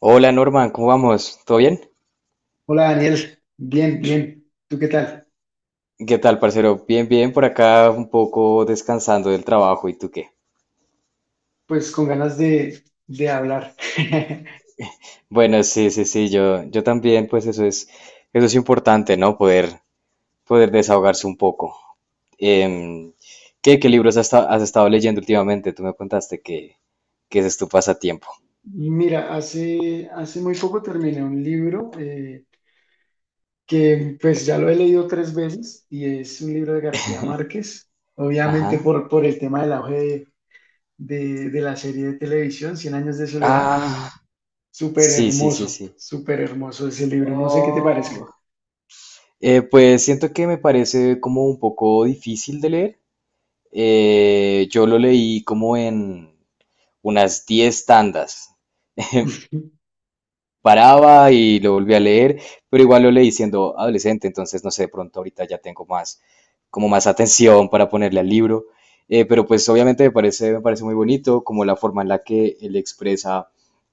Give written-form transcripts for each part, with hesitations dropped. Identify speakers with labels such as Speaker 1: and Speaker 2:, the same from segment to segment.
Speaker 1: Hola Norman, ¿cómo vamos? ¿Todo bien?
Speaker 2: Hola Daniel, bien, bien. ¿Tú qué tal?
Speaker 1: ¿Qué tal, parcero? Bien, bien, por acá un poco descansando del trabajo, ¿y tú qué?
Speaker 2: Pues con ganas de hablar.
Speaker 1: Bueno, sí, sí, sí, yo también, pues eso es importante, ¿no? Poder desahogarse un poco. Em, ¿Qué libros has estado leyendo últimamente? Tú me contaste que ese es tu pasatiempo.
Speaker 2: Mira, hace muy poco terminé un libro que pues ya lo he leído tres veces y es un libro de García Márquez, obviamente
Speaker 1: Ajá.
Speaker 2: por el tema del auge de la serie de televisión, Cien años de soledad.
Speaker 1: Ah, sí, sí, sí, sí.
Speaker 2: Súper hermoso ese libro, no sé qué te parezca.
Speaker 1: Oh. Pues siento que me parece como un poco difícil de leer. Yo lo leí como en unas 10 tandas. Paraba y lo volví a leer, pero igual lo leí siendo adolescente, entonces no sé, de pronto ahorita ya tengo más, como más atención para ponerle al libro, pero pues obviamente me parece muy bonito como la forma en la que él expresa,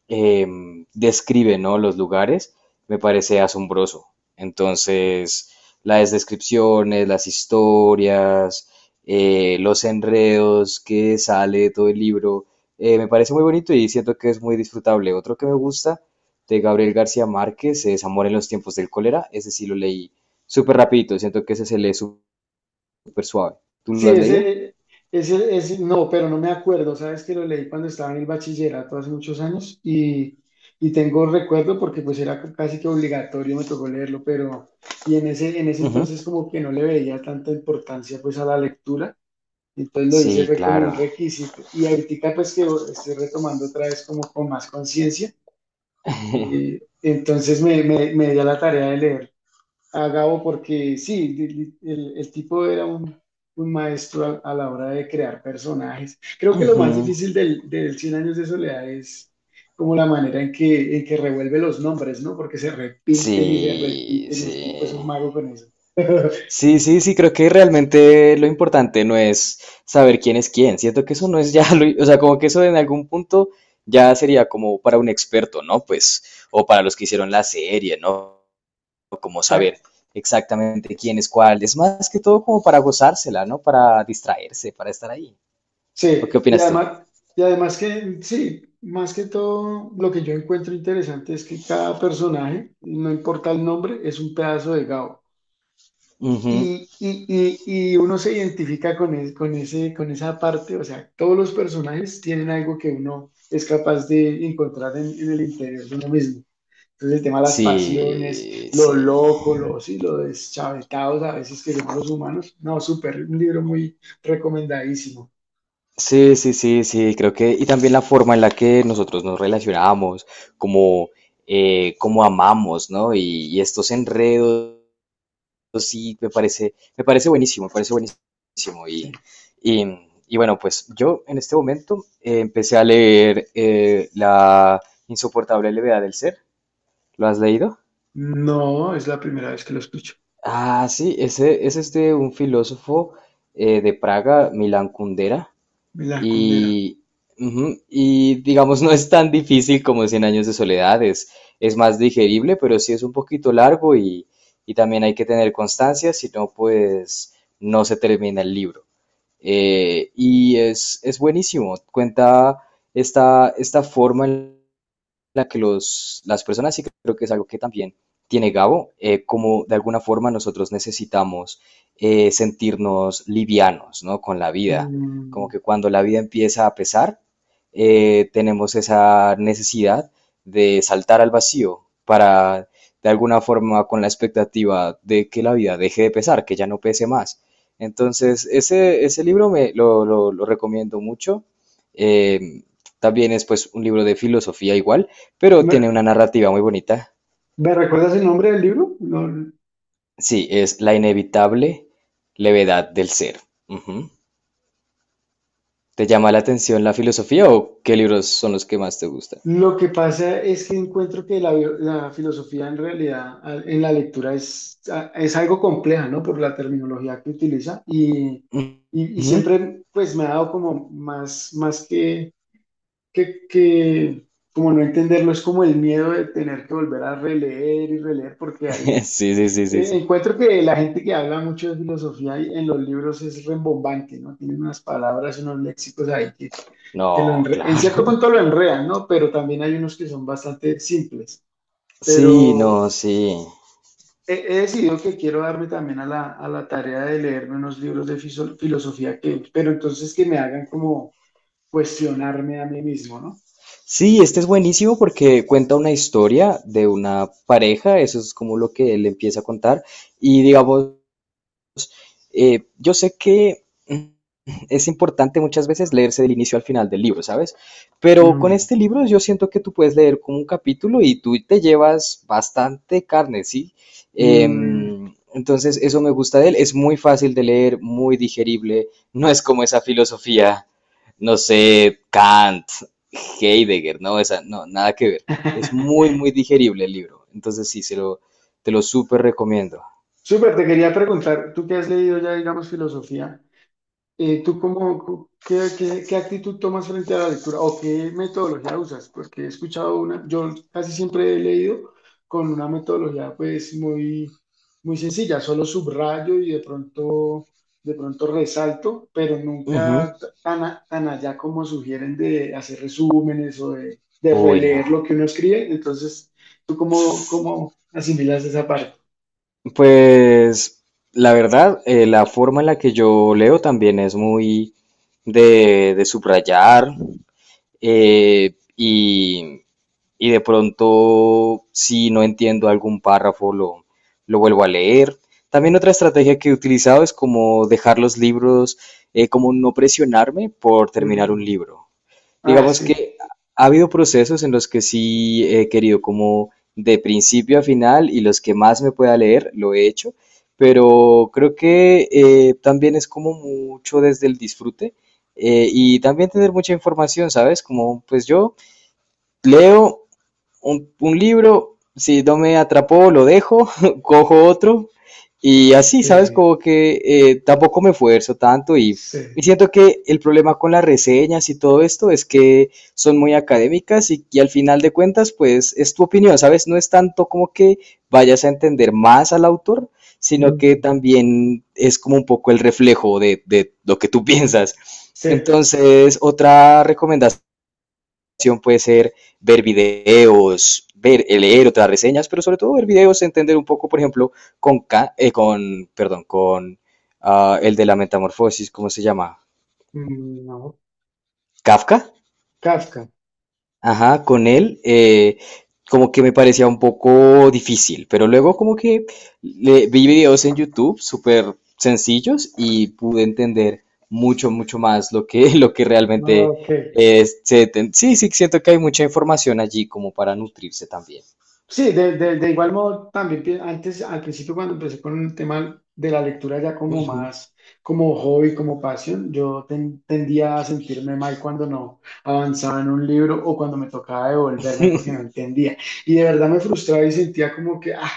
Speaker 1: describe, ¿no? Los lugares, me parece asombroso. Entonces, las descripciones, las historias, los enredos que sale de todo el libro, me parece muy bonito y siento que es muy disfrutable. Otro que me gusta de Gabriel García Márquez, es Amor en los tiempos del cólera. Ese sí lo leí súper rapidito, siento que ese se lee súper suave. ¿Tú
Speaker 2: Sí,
Speaker 1: lo has leído?
Speaker 2: ese, no, pero no me acuerdo. Sabes que lo leí cuando estaba en el bachillerato hace muchos años y tengo recuerdo porque pues era casi que obligatorio, me tocó leerlo, pero y en ese entonces
Speaker 1: Ujú.
Speaker 2: como que no le veía tanta importancia pues a la lectura, entonces lo hice
Speaker 1: Sí,
Speaker 2: fue como un
Speaker 1: claro.
Speaker 2: requisito y ahorita pues que estoy retomando otra vez como con más conciencia, entonces me di a la tarea de leer a Gabo porque sí, el tipo era un maestro a la hora de crear personajes. Creo que lo
Speaker 1: Ujú.
Speaker 2: más difícil del Cien años de soledad es como la manera en que revuelve los nombres, ¿no? Porque se
Speaker 1: Sí,
Speaker 2: repiten y el tipo es
Speaker 1: sí.
Speaker 2: un mago con eso.
Speaker 1: Sí, sí, sí, creo que realmente lo importante no es saber quién es quién. Siento que eso no es ya lo, o sea, como que eso en algún punto ya sería como para un experto, ¿no? Pues, o para los que hicieron la serie, ¿no? Como saber
Speaker 2: Ta-
Speaker 1: exactamente quién es cuál. Es más que todo como para gozársela, ¿no? Para distraerse, para estar ahí. ¿O qué
Speaker 2: Sí, y
Speaker 1: opinas tú?
Speaker 2: además, que, sí, más que todo, lo que yo encuentro interesante es que cada personaje, no importa el nombre, es un pedazo de Gabo.
Speaker 1: Ujú.
Speaker 2: Y, y- y uno se identifica con, es- con, ese, con esa parte, o sea, todos los personajes tienen algo que uno es capaz de encontrar en el interior de uno mismo. Entonces el tema de las pasiones,
Speaker 1: Sí,
Speaker 2: lo
Speaker 1: sí.
Speaker 2: loco, lo, sí, lo deschavetados a veces que somos los humanos. No, súper, un libro muy recomendadísimo.
Speaker 1: Sí, sí, sí, sí, creo que, y también la forma en la que nosotros nos relacionamos, como, como amamos, ¿no? Y estos enredos sí, me parece buenísimo, me parece buenísimo.
Speaker 2: Sí.
Speaker 1: Y, y bueno, pues yo en este momento empecé a leer la insoportable levedad del ser. ¿Lo has leído?
Speaker 2: No, es la primera vez que lo escucho.
Speaker 1: Ah, sí, ese es este un filósofo de Praga, Milan Kundera.
Speaker 2: La Condera.
Speaker 1: Y, ujú, y digamos, no es tan difícil como Cien años de soledad, es más digerible, pero sí es un poquito largo y también hay que tener constancia, si no, pues no se termina el libro. Y es buenísimo, cuenta esta forma en la que las personas, y creo que es algo que también tiene Gabo, como de alguna forma nosotros necesitamos sentirnos livianos, ¿no? Con la vida. Como
Speaker 2: Mm,
Speaker 1: que cuando la vida empieza a pesar, tenemos esa necesidad de saltar al vacío para, de alguna forma, con la expectativa de que la vida deje de pesar, que ya no pese más. Entonces, ese libro me lo recomiendo mucho. Eh, también es pues un libro de filosofía igual pero
Speaker 2: ¿Me,
Speaker 1: tiene una narrativa muy bonita.
Speaker 2: me recuerdas el nombre del libro? No.
Speaker 1: Sí, es la inevitable levedad del ser. Ujú. ¿Te llama la atención la filosofía o qué libros son los que más te gustan?
Speaker 2: Lo que pasa es que encuentro que la filosofía en realidad en la lectura es algo compleja, ¿no? Por la terminología que utiliza y
Speaker 1: Ujú.
Speaker 2: siempre pues me ha dado como más, más que como no entenderlo, es como el miedo de tener que volver a releer y releer porque ahí
Speaker 1: Sí, sí, sí, sí, sí.
Speaker 2: encuentro que la gente que habla mucho de filosofía y en los libros es rembombante, ¿no? Tienen unas palabras, unos léxicos ahí que lo
Speaker 1: No,
Speaker 2: en cierto
Speaker 1: claro.
Speaker 2: punto lo enredan, ¿no? Pero también hay unos que son bastante simples.
Speaker 1: Sí, no,
Speaker 2: Pero
Speaker 1: sí.
Speaker 2: he decidido que quiero darme también a la tarea de leerme unos libros de filosofía que, pero entonces que me hagan como cuestionarme a mí mismo, ¿no?
Speaker 1: Sí, este es buenísimo porque cuenta una historia de una pareja, eso es como lo que él empieza a contar, y digamos, yo sé que es importante muchas veces leerse del inicio al final del libro, ¿sabes? Pero
Speaker 2: Mm,
Speaker 1: con este libro yo siento que tú puedes leer como un capítulo y tú te llevas bastante carne, ¿sí?
Speaker 2: mm.
Speaker 1: Entonces eso me gusta de él, es muy fácil de leer, muy digerible, no es como esa filosofía, no sé, Kant, Heidegger, no, esa, no, nada que ver. Es muy, muy digerible el libro, entonces sí, te lo súper recomiendo.
Speaker 2: Súper, te quería preguntar, tú qué has leído ya, digamos, filosofía. ¿Tú cómo, qué, qué- qué actitud tomas frente a la lectura o qué metodología usas? Porque he escuchado yo casi siempre he leído con una metodología pues muy, muy sencilla, solo subrayo y de pronto resalto, pero
Speaker 1: Ujú.
Speaker 2: nunca tan allá como sugieren de hacer resúmenes o de
Speaker 1: Uy,
Speaker 2: releer
Speaker 1: no.
Speaker 2: lo que uno escribe. Entonces, ¿tú cómo asimilas esa parte?
Speaker 1: Pues la verdad, la forma en la que yo leo también es muy de subrayar eh, y, y de pronto si no entiendo algún párrafo lo vuelvo a leer. También otra estrategia que he utilizado es como dejar los libros, como no presionarme por terminar un
Speaker 2: Mm,
Speaker 1: libro.
Speaker 2: ah,
Speaker 1: Digamos
Speaker 2: sí,
Speaker 1: que ha habido procesos en los que sí he querido como de principio a final y los que más me pueda leer lo he hecho, pero creo que también es como mucho desde el disfrute y también tener mucha información, ¿sabes? Como pues yo leo un libro, si no me atrapó, lo dejo, cojo otro y así, ¿sabes?
Speaker 2: sí,
Speaker 1: Como que tampoco me esfuerzo tanto
Speaker 2: sí,
Speaker 1: y siento que el problema con las reseñas y todo esto es que son muy académicas y al final de cuentas, pues es tu opinión, ¿sabes? No es tanto como que vayas a entender más al autor, sino que
Speaker 2: mm,
Speaker 1: también es como un poco el reflejo de lo que tú piensas.
Speaker 2: sí.
Speaker 1: Entonces, otra recomendación puede ser ver videos, ver, leer otras reseñas, pero sobre todo ver videos, entender un poco, por ejemplo, con, con perdón, con el de la metamorfosis, ¿cómo se llama?
Speaker 2: Mm, no,
Speaker 1: Kafka,
Speaker 2: Kafka.
Speaker 1: ajá, con él, como que me parecía un poco difícil, pero luego como que vi videos en YouTube súper sencillos y pude entender mucho, mucho más lo que, lo que realmente...
Speaker 2: Ok.
Speaker 1: sí, sí, siento que hay mucha información allí como para nutrirse también.
Speaker 2: Sí, de igual modo también antes, al principio cuando empecé con el tema de la lectura ya como
Speaker 1: Ujú.
Speaker 2: más, como hobby, como pasión, yo tendía a sentirme mal cuando no avanzaba en un libro o cuando me tocaba devolverme porque no entendía. Y de verdad me frustraba y sentía como que, ah,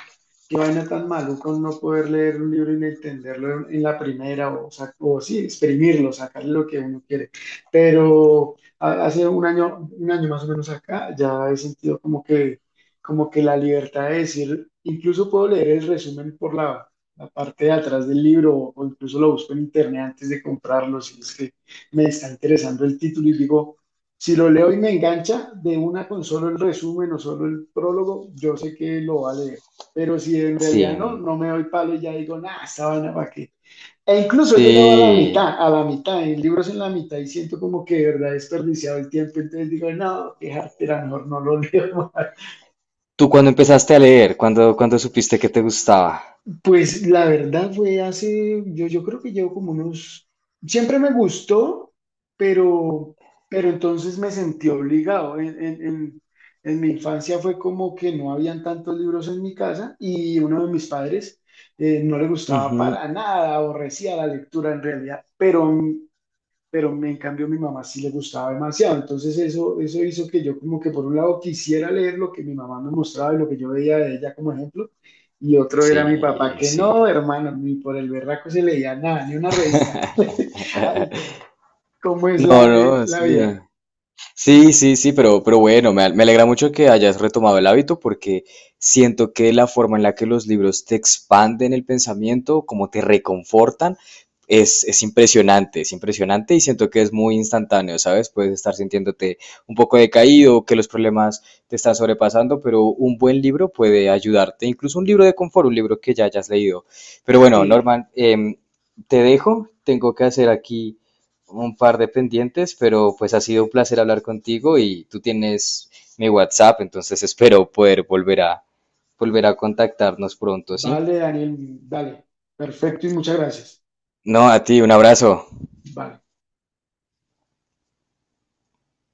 Speaker 2: qué vaina tan maluca no poder leer un libro y no entenderlo en la primera o sí, exprimirlo, sacarle lo que uno quiere. Pero hace un año más o menos acá, ya he sentido como que la libertad de decir, incluso puedo leer el resumen por la parte de atrás del libro o incluso lo busco en internet antes de comprarlo, si es que me está interesando el título y digo, si lo leo y me engancha de una con solo el resumen o solo el prólogo, yo sé que lo va a leer. Pero si en realidad
Speaker 1: Sí,
Speaker 2: no, no me doy palo y ya digo, nada, esta vaina para qué. E incluso he llegado
Speaker 1: sí.
Speaker 2: a la mitad, en libros en la mitad y siento como que de verdad he desperdiciado el tiempo, entonces digo, no, qué jartera, mejor no lo leo más.
Speaker 1: ¿Tú cuando empezaste a leer? ¿Cuándo supiste que te gustaba?
Speaker 2: Pues la verdad fue hace, yo creo que llevo como unos, siempre me gustó, pero, pero entonces me sentí obligado. En mi infancia fue como que no habían tantos libros en mi casa y uno de mis padres no le gustaba
Speaker 1: Ujú.
Speaker 2: para nada, aborrecía la lectura en realidad, pero en cambio mi mamá sí le gustaba demasiado. Entonces eso hizo que yo como que por un lado quisiera leer lo que mi mamá me mostraba y lo que yo veía de ella como ejemplo, y otro era mi papá
Speaker 1: Sí,
Speaker 2: que
Speaker 1: sí.
Speaker 2: no, hermano, ni por el berraco se leía nada, ni una revista. Ay, ¿cómo es
Speaker 1: No,
Speaker 2: la, el-
Speaker 1: no,
Speaker 2: la
Speaker 1: sí.
Speaker 2: vida?
Speaker 1: Sí, sí, sí, pero bueno, me alegra mucho que hayas retomado el hábito porque siento que la forma en la que los libros te expanden el pensamiento, como te reconfortan, es impresionante y siento que es muy instantáneo, ¿sabes? Puedes estar sintiéndote un poco decaído, que los problemas te están sobrepasando, pero un buen libro puede ayudarte, incluso un libro de confort, un libro que ya hayas leído. Pero bueno,
Speaker 2: Sí,
Speaker 1: Norman, te dejo, tengo que hacer aquí un par de pendientes, pero pues ha sido un placer hablar contigo y tú tienes mi WhatsApp, entonces espero poder volver a contactarnos pronto, ¿sí?
Speaker 2: vale, Daniel, vale, perfecto y muchas gracias.
Speaker 1: No, a ti, un abrazo.
Speaker 2: Vale.